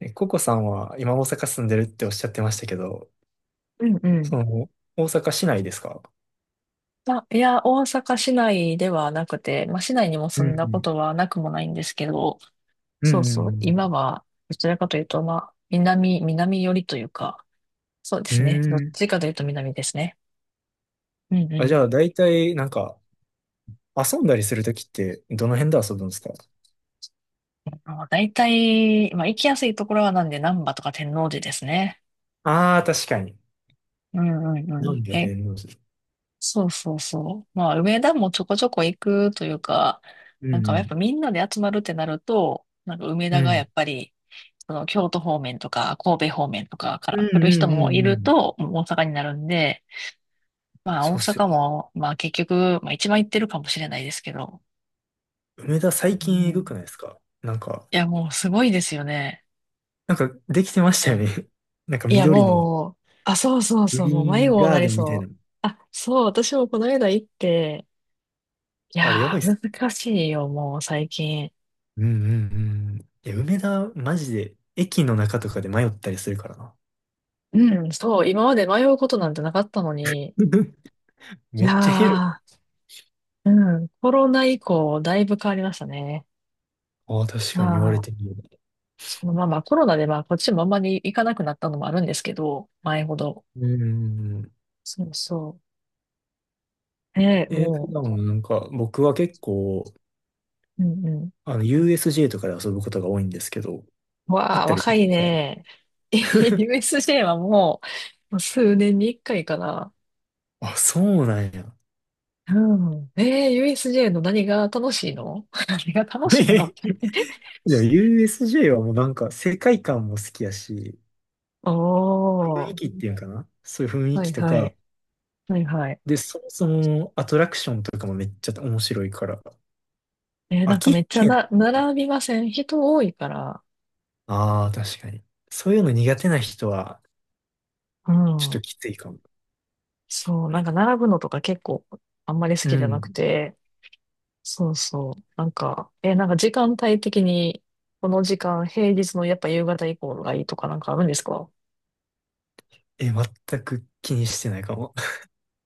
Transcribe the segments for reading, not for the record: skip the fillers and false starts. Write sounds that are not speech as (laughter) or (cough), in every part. ココさんは今大阪住んでるっておっしゃってましたけど、うんうん。その、大阪市内ですか？あ、いや、大阪市内ではなくて、まあ、市内にもう住んだこん。とはなくもないんですけど、うんそううんうそう、今ん。は、どちらかというと、まあ、南寄りというか、そうでうすね。どっーん。ちかというと南ですね。うんうあ、じん。ゃあ大体なんか遊んだりするときってどの辺で遊ぶんですか？まあ、大体、まあ、行きやすいところはなんで、難波とか天王寺ですね。ああー、確かに。うんうんうなんん。だ天王寺。そうそうそう。まあ、梅田もちょこちょこ行くというか、うなんかやっんぱみんなで集まるってなると、なんか梅う田ん。うがやん。っぱり、その京都方面とか神戸方面とかかうらん来るう人もいんうんうるん。と、もう大阪になるんで、まあそう大っすよ。阪も、まあ結局、まあ一番行ってるかもしれないですけど、梅田う最近えぐん、くないですか？なんか、いやもうすごいですよね。なんかできてましたよもうね。(laughs) なんかいや、緑のもう、あ、そうそうグそう、もうリー迷ン子にガなーデりンみたいな。そう。あ、そう、私もこの間行って、いあれやばやいっすー、ね。難しいよ、もう最近。うんうんうん。いや、梅田、マジで、駅の中とかで迷ったりするからな。うん、そう、今まで迷うことなんてなかったのに、(laughs) いめっちゃ広い。やー、うん、コロナ以降、だいぶ変わりましたね。ああ、確かに言わはれい、てみれば。そのまあまあコロナでまあこっちもあんまり行かなくなったのもあるんですけど、前ほど。うん。そうそう。ねえ、普も段はなんか、僕は結構、う、うんうUSJ とかで遊ぶことが多いんですけど、ん。行わっあ、たりし若いてたかね。(laughs) USJ はもう、もう数年に一回かな。ら。あ、そうなんや。うん。えー、USJ の何が楽しいの？ (laughs) 何が (laughs) 楽しいのっで、て？ でも USJ はもうなんか、世界観も好きやし、(laughs) お雰囲ー。気っていうんかな。そういう雰囲は気いとはか、い。はいはい。で、そもそもアトラクションとかもめっちゃ面白いから、えー、な飽んかきめっちゃへな、ん。並びません？人多いから。ああ、確かに。そういうの苦手な人は、うちょっとん。きついかも。そう、なんか並ぶのとか結構あんまり好うきじゃなくん。て。そうそう。なんか時間帯的に、この時間、平日のやっぱ夕方以降がいいとかなんかあるんですか？え、全く気にしてないかも。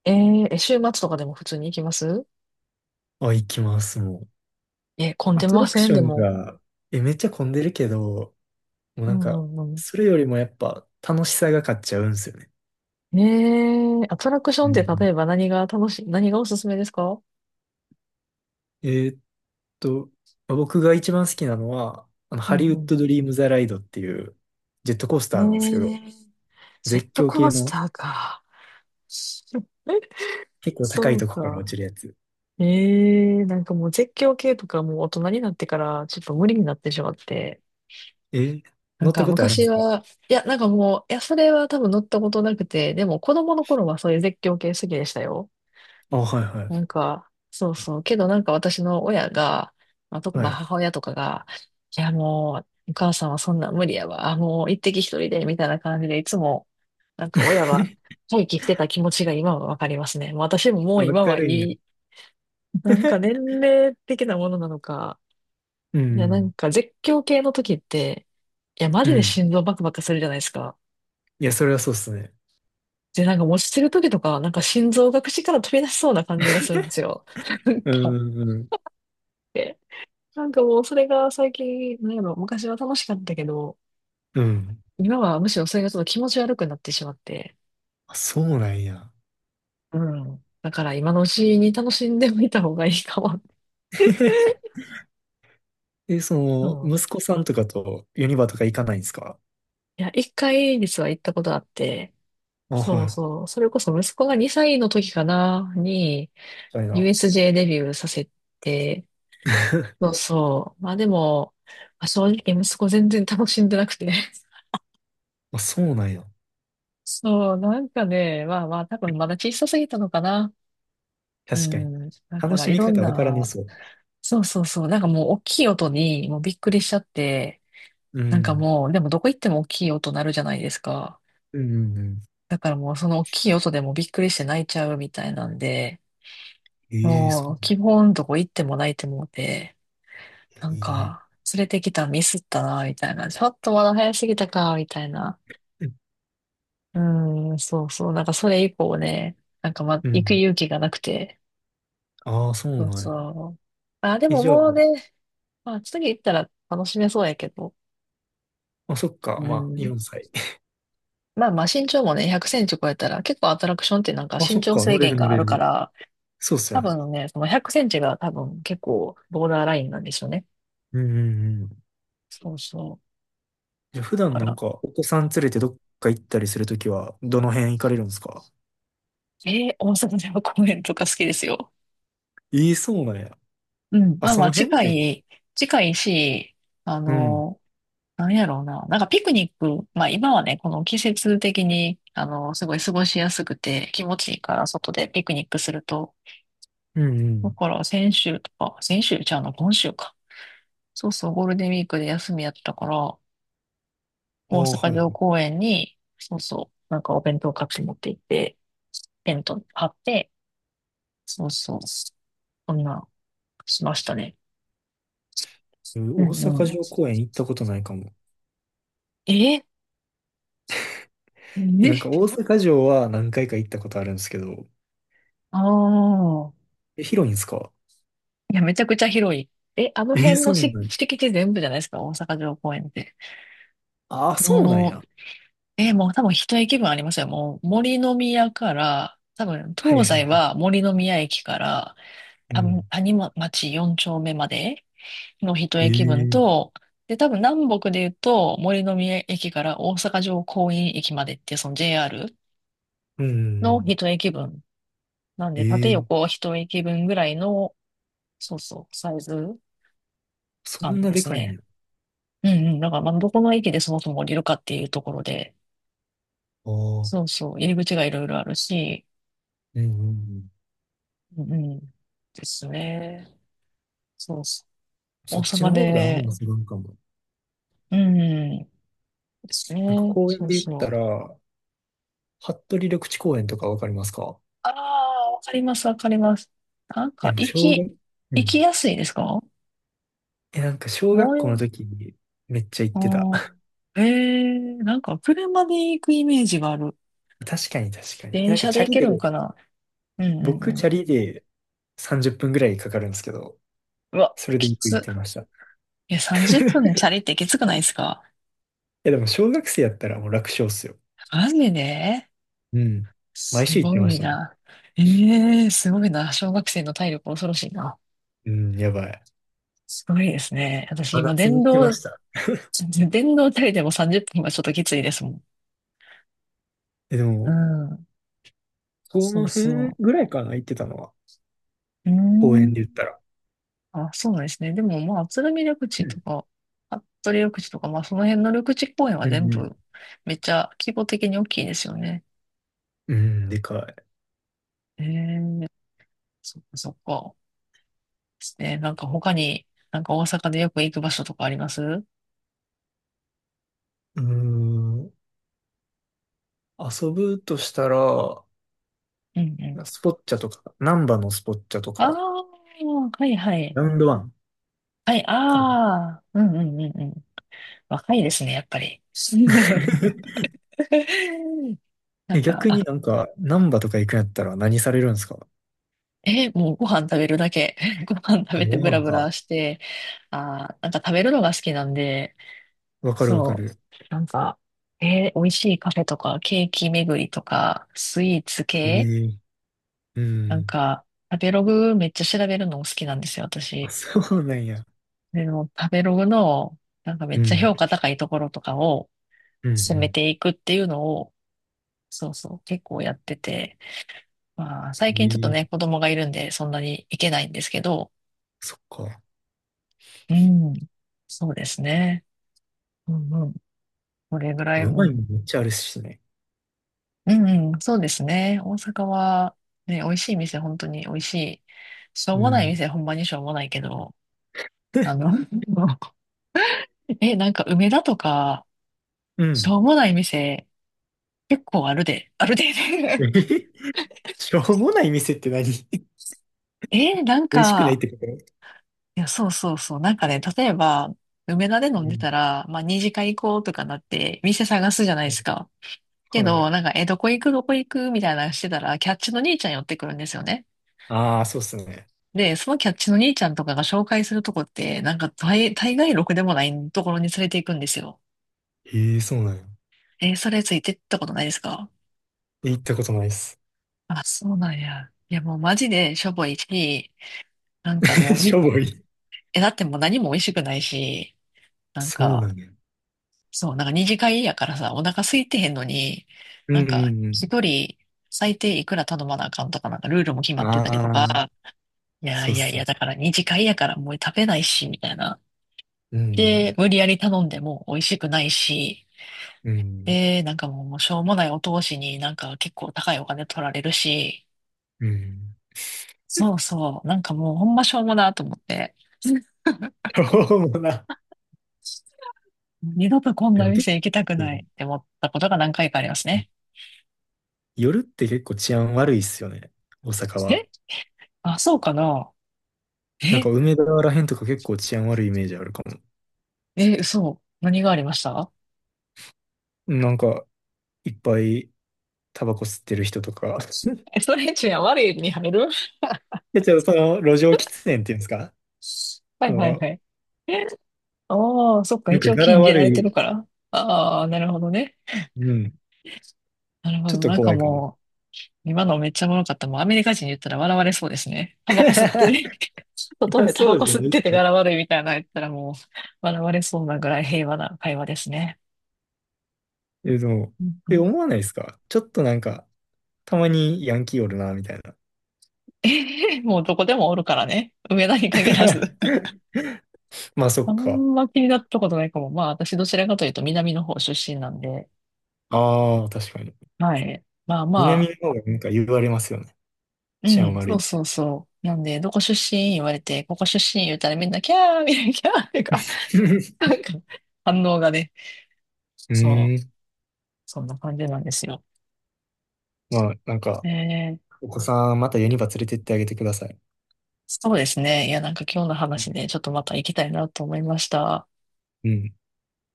えーえ、週末とかでも普通に行きます？ (laughs) あ、行きます、もう。え、混んアでトまラクせんショでンも？が、めっちゃ混んでるけど、もううなんか、んうんそれよりもやっぱ楽しさが勝っちゃうんですよね。うん。えー、アトラクションうって例ん。えば何が楽しい、何がおすすめですか？えーっと、まあ僕が一番好きなのは、うハんリウうッん。ド・ドリーム・ザ・ライドっていうジェットコースえターなんですけど、ー、ジェッ絶ト叫コー系スのターか。(laughs) 結構高そいうとこから落か。ちるやつ。えー、なんかもう絶叫系とかもう大人になってからちょっと無理になってしまって。えーな乗んったかことあるんで昔すか？は、いや、それは多分乗ったことなくて、でも子供の頃はそういう絶叫系好きでしたよ。あ、はいはなんか、そうそう。けどなんか私の親が、い。まはあい。母親とかが、いやもう、お母さんはそんなん無理やわ。もう一滴一人で、みたいな感じで、いつも、なんか親は (laughs) 待機してた気持ちが今はわかりますね。もう私ももうわ今かはいるんや。い。なんか年齢的なものなのか、ういや、なんん。か絶叫系の時って、いや、マうジでん。心臓バクバクするじゃないですか。いや、それはそうっすね。で、なんか落ちてる時とか、なんか心臓が口から飛び出しそうな感じがするんですよ。(laughs) なんうか、ん。うん。で、なんかもうそれが最近、なんやろ、昔は楽しかったけど、うん。今はむしろそれがちょっと気持ち悪くなってしまって、あ、そうなんや。うん。だから今のうちに楽しんでみた方がいいかも。(laughs) (laughs) うん。息子さんとかとユニバとか行かないんですか？いや、一回実は行ったことあって、あ、そはい。うみそう、それこそ息子が2歳の時かな、に たいな。USJ デビューさせて、そう (laughs) そう、まあでも、まあ正直息子全然楽しんでなくて、あ、そうなんや。そう、なんかね、まあまあ、多分まだ小さすぎたのかな。う確かに。ん。だか楽らしいみろん方わからねな、そう。そうそうそう、なんかもう大きい音にもうびっくりしちゃって、うなんかん。もう、でもどこ行っても大きい音鳴るじゃないですか。うんうんうん。だからもうその大きい音でもびっくりして泣いちゃうみたいなんで、ええ。そもうなうん基だ。本どこ行っても泣いてもうて、なんえか連れてきたミスったな、みたいな。ちょっとまだ早すぎたか、みたいな。え。うん、そうそう、なんかそれ以降ね、なんかま、う行くん。勇気がなくて、ああ、そそううなんや。そう。あ、でもじゃあ、もうね、まあ、次行ったら楽しめそうやけど。あ、そっうか。まあ、ん。4歳。まあまあ身長もね、100センチ超えたら、結構アトラクションってなんか (laughs) あ、身そっ長か。制乗れ限る乗があれるかる。ら、そうっす多よね。分ね、その100センチが多分結構ボーダーラインなんでしょうね。うんうんうん。そうそじゃあ普う。段だなかんら、か、お子さん連れてどっか行ったりするときは、どの辺行かれるんですか？えー、大阪では公園とか好きですよ。ええ、そうなんや。うん。あ、その辺ね。近いし、あうん。の、なんやろうな。なんかピクニック、まあ今はね、この季節的に、あの、すごい過ごしやすくて気持ちいいから外でピクニックすると。うんうだん。から先週ちゃうの、今週か。そうそう、ゴールデンウィークで休みやったから、大あ阪あ、はいは城い。公園に、そうそう、なんかお弁当買って持って行って、テント張って、そうそう、そんな、しましたね。う大んう阪ん。城公園行ったことないかも。ええ、なんか大阪城は何回か行ったことあるんですけど、ああー、広いんですか？いや、めちゃくちゃ広い。え、あのえー、辺そのうなしんや。敷地全部じゃないですか、大阪城公園って。ああ、そうなんもや。う、え、もう多分一駅分ありますよ。もう森の宮から、多分はい東はい西はい。は森の宮駅から、う多分ん。谷ま町4丁目までの一え駅分え。と、で、多分南北で言うと森の宮駅から大阪城公園駅までっていうその JR うんうんうのん。一駅分。なんえで、縦え。横一駅分ぐらいの、そうそう、サイズそ感んなでですかいんね。や。うんうん。だから、まあ、どこの駅でそもそも降りるかっていうところで、ああ。そうそう、入り口がいろいろあるし、うんうんうん。うんうん、ですね。そうそう。大そっちの阪方であんまりで、するんかも。うん、ですなんかね。公園そうで言っそたう。ら、服部緑地公園とかわかりますか？ああ、わかります、わかります。なんか、やっぱ行小き、学、う行きん。やすいですか？なんか小も学校のう、時にめっちゃ行っあてた。ー (laughs) えー、なんか、車で行くイメージがある。確かに確かに。電なんか車チでャ行リけで、るんかな？うんう僕んうチャリで30分ぐらいかかるんですけど、ん。うわ、それできよく行っつ。てました。いや、30分チャ (laughs) リってきつくないですか？でも小学生やったらもう楽勝っすよ。マジでうん。す毎週行ってごまいしたもん。な。ええー、すごいな。小学生の体力恐ろしいな。うん、やばい。すごいですね。私真今夏に電行ってま動、した。電動体でも30分はちょっときついですもん。でうも、ん。こそうの辺そぐらいかな、行ってたのは。う。う公ー園ん。で言ったら。あ、そうなんですね。でもまあ、鶴見緑う地ん。とか、服部緑地とか、まあその辺の緑地公園はう全んうん。部めっちゃ規模的に大きいですよね。うん、でかい。ええー、そっかそっか。ですね。なんか他に、なんか大阪でよく行く場所とかあります？うんうーん。遊ぶとしたら、うん。スポッチャとか、ナンバのスポッチャとああ、か、はいはい。ラウンドワンはい、かな。ああ、うんうんうんうん。若いですね、やっぱり。(laughs) (laughs) なんか、逆あ、になんか、ナンバとか行くんやったら何されるんですか？え、もうご飯食べるだけ。(laughs) ご飯食あ、べてごブラ飯ブラか。して、あー、なんか食べるのが好きなんで、わかるわかそる。う、なんか、えー美味しいカフェとか、ケーキ巡りとか、スイーツえ系、え。うなんん。か、食べログめっちゃ調べるの好きなんですよ、あ、私。そうなんや。でも、食べログの、なんかめっうちゃん。評価高いところとかを、うん進めうていくっていうのを、そうそう、結構やってて、まあ、最近ちょっとん。ね、ええ。子供がいるんで、そんなにいけないんですけど、そっか。うん、そうですね。うんうん。これぐらい、ううまいもんん。めっちゃあるしね。うんうん、そうですね。大阪は、ね、美味しい店、本当に美味しい。しょううもないん。店、ほんまにしょうもないけど、(laughs) あで、の、(laughs) え、なんか梅田とか、うしん。ょうもない店、結構あるで、あるで。えへ、しょうもない店って何？ (laughs) (laughs) え、なん美味しくないっか、てこと？いや、そうそうそう。なんかね、例えば、梅田で飲うんでん。たら、まあ、二次会行こうとかなって、店探すじゃないでうすん。か。けはど、い。なんか、え、どこ行く、みたいなのしてたら、キャッチの兄ちゃん寄ってくるんですよね。ああ、そうっすね。で、そのキャッチの兄ちゃんとかが紹介するとこって、大概ろくでもないところに連れて行くんですよ。ええ、そうなんや。え、それついてったことないですか？行ったことないっす。あ、そうなんや。いや、もうマジでしょぼいし、なん (laughs) かもうしに、ょぼい。え、だってもう何も美味しくないし、なんそうなか、んだよ。そう、なんか二次会やからさ、お腹空いてへんのに、うんなんかうん一人最低いくら頼まなあかんとか、なんかルールも決うまん。ってたりとか、ああ、いやそういっやいすや、ね。だから二次会やからもう食べないし、みたいな。うで、ん無理やり頼んでも美味しくないし、うん。で、なんかもうしょうもないお通しになんか結構高いお金取られるし、うんうん。そうそう、なんかもうほんましょうもなと思って、(laughs) そうもな。二度とこんでなも結店行きたく構、ないって思ったことが何回かありますね。夜って結構治安悪いっすよね。大阪は。え、あ、そうかな。なんえか梅田らへんとか結構治安悪いイメージあるかも。え、そう何がありました？なんか、いっぱいタバコ吸ってる人とか。え、(laughs) それじゃ悪いに入る？ (laughs) で、ちょっとその路上喫煙っていうんですか？はそいはいはの、い。ああ、そっか、なん一か応柄禁じら悪れてるい。から。ああ、なるほどね。うん。なるほちょっど。となんか怖いかも。もう、今のめっちゃおもろかった。もうアメリカ人言ったら笑われそうですね。(laughs) タバコ吸ってね、(laughs) い外や、でタそバうコじゃな吸っいでてすてね。柄悪いみたいなの言ったらもう、笑われそうなぐらい平和な会話ですね。でも、うんうん。 思わないですかちょっとなんか、たまにヤンキーおるな、みたいな。(laughs) もうどこでもおるからね。上田に限らず。(laughs) まあそあっんか。ま気になったことないかも。まあ私どちらかというと南の方出身なんで、ああ、確かに。はい。まあま南あ、の方がなんか言われますよね。う治安ん、悪そいうっそて。うそう。なんで、どこ出身言われて、ここ出身言うたらみんな、キャーみたいな、キャーってか、な (laughs) んか、反応がね、うそーう、ん。そんな感じなんですよ。まあなんえか、ー、お子さんまたユニバ連れてってあげてください。そうですね。いや、なんか今日の話で、ちょっとまた行きたいなと思いました。うん。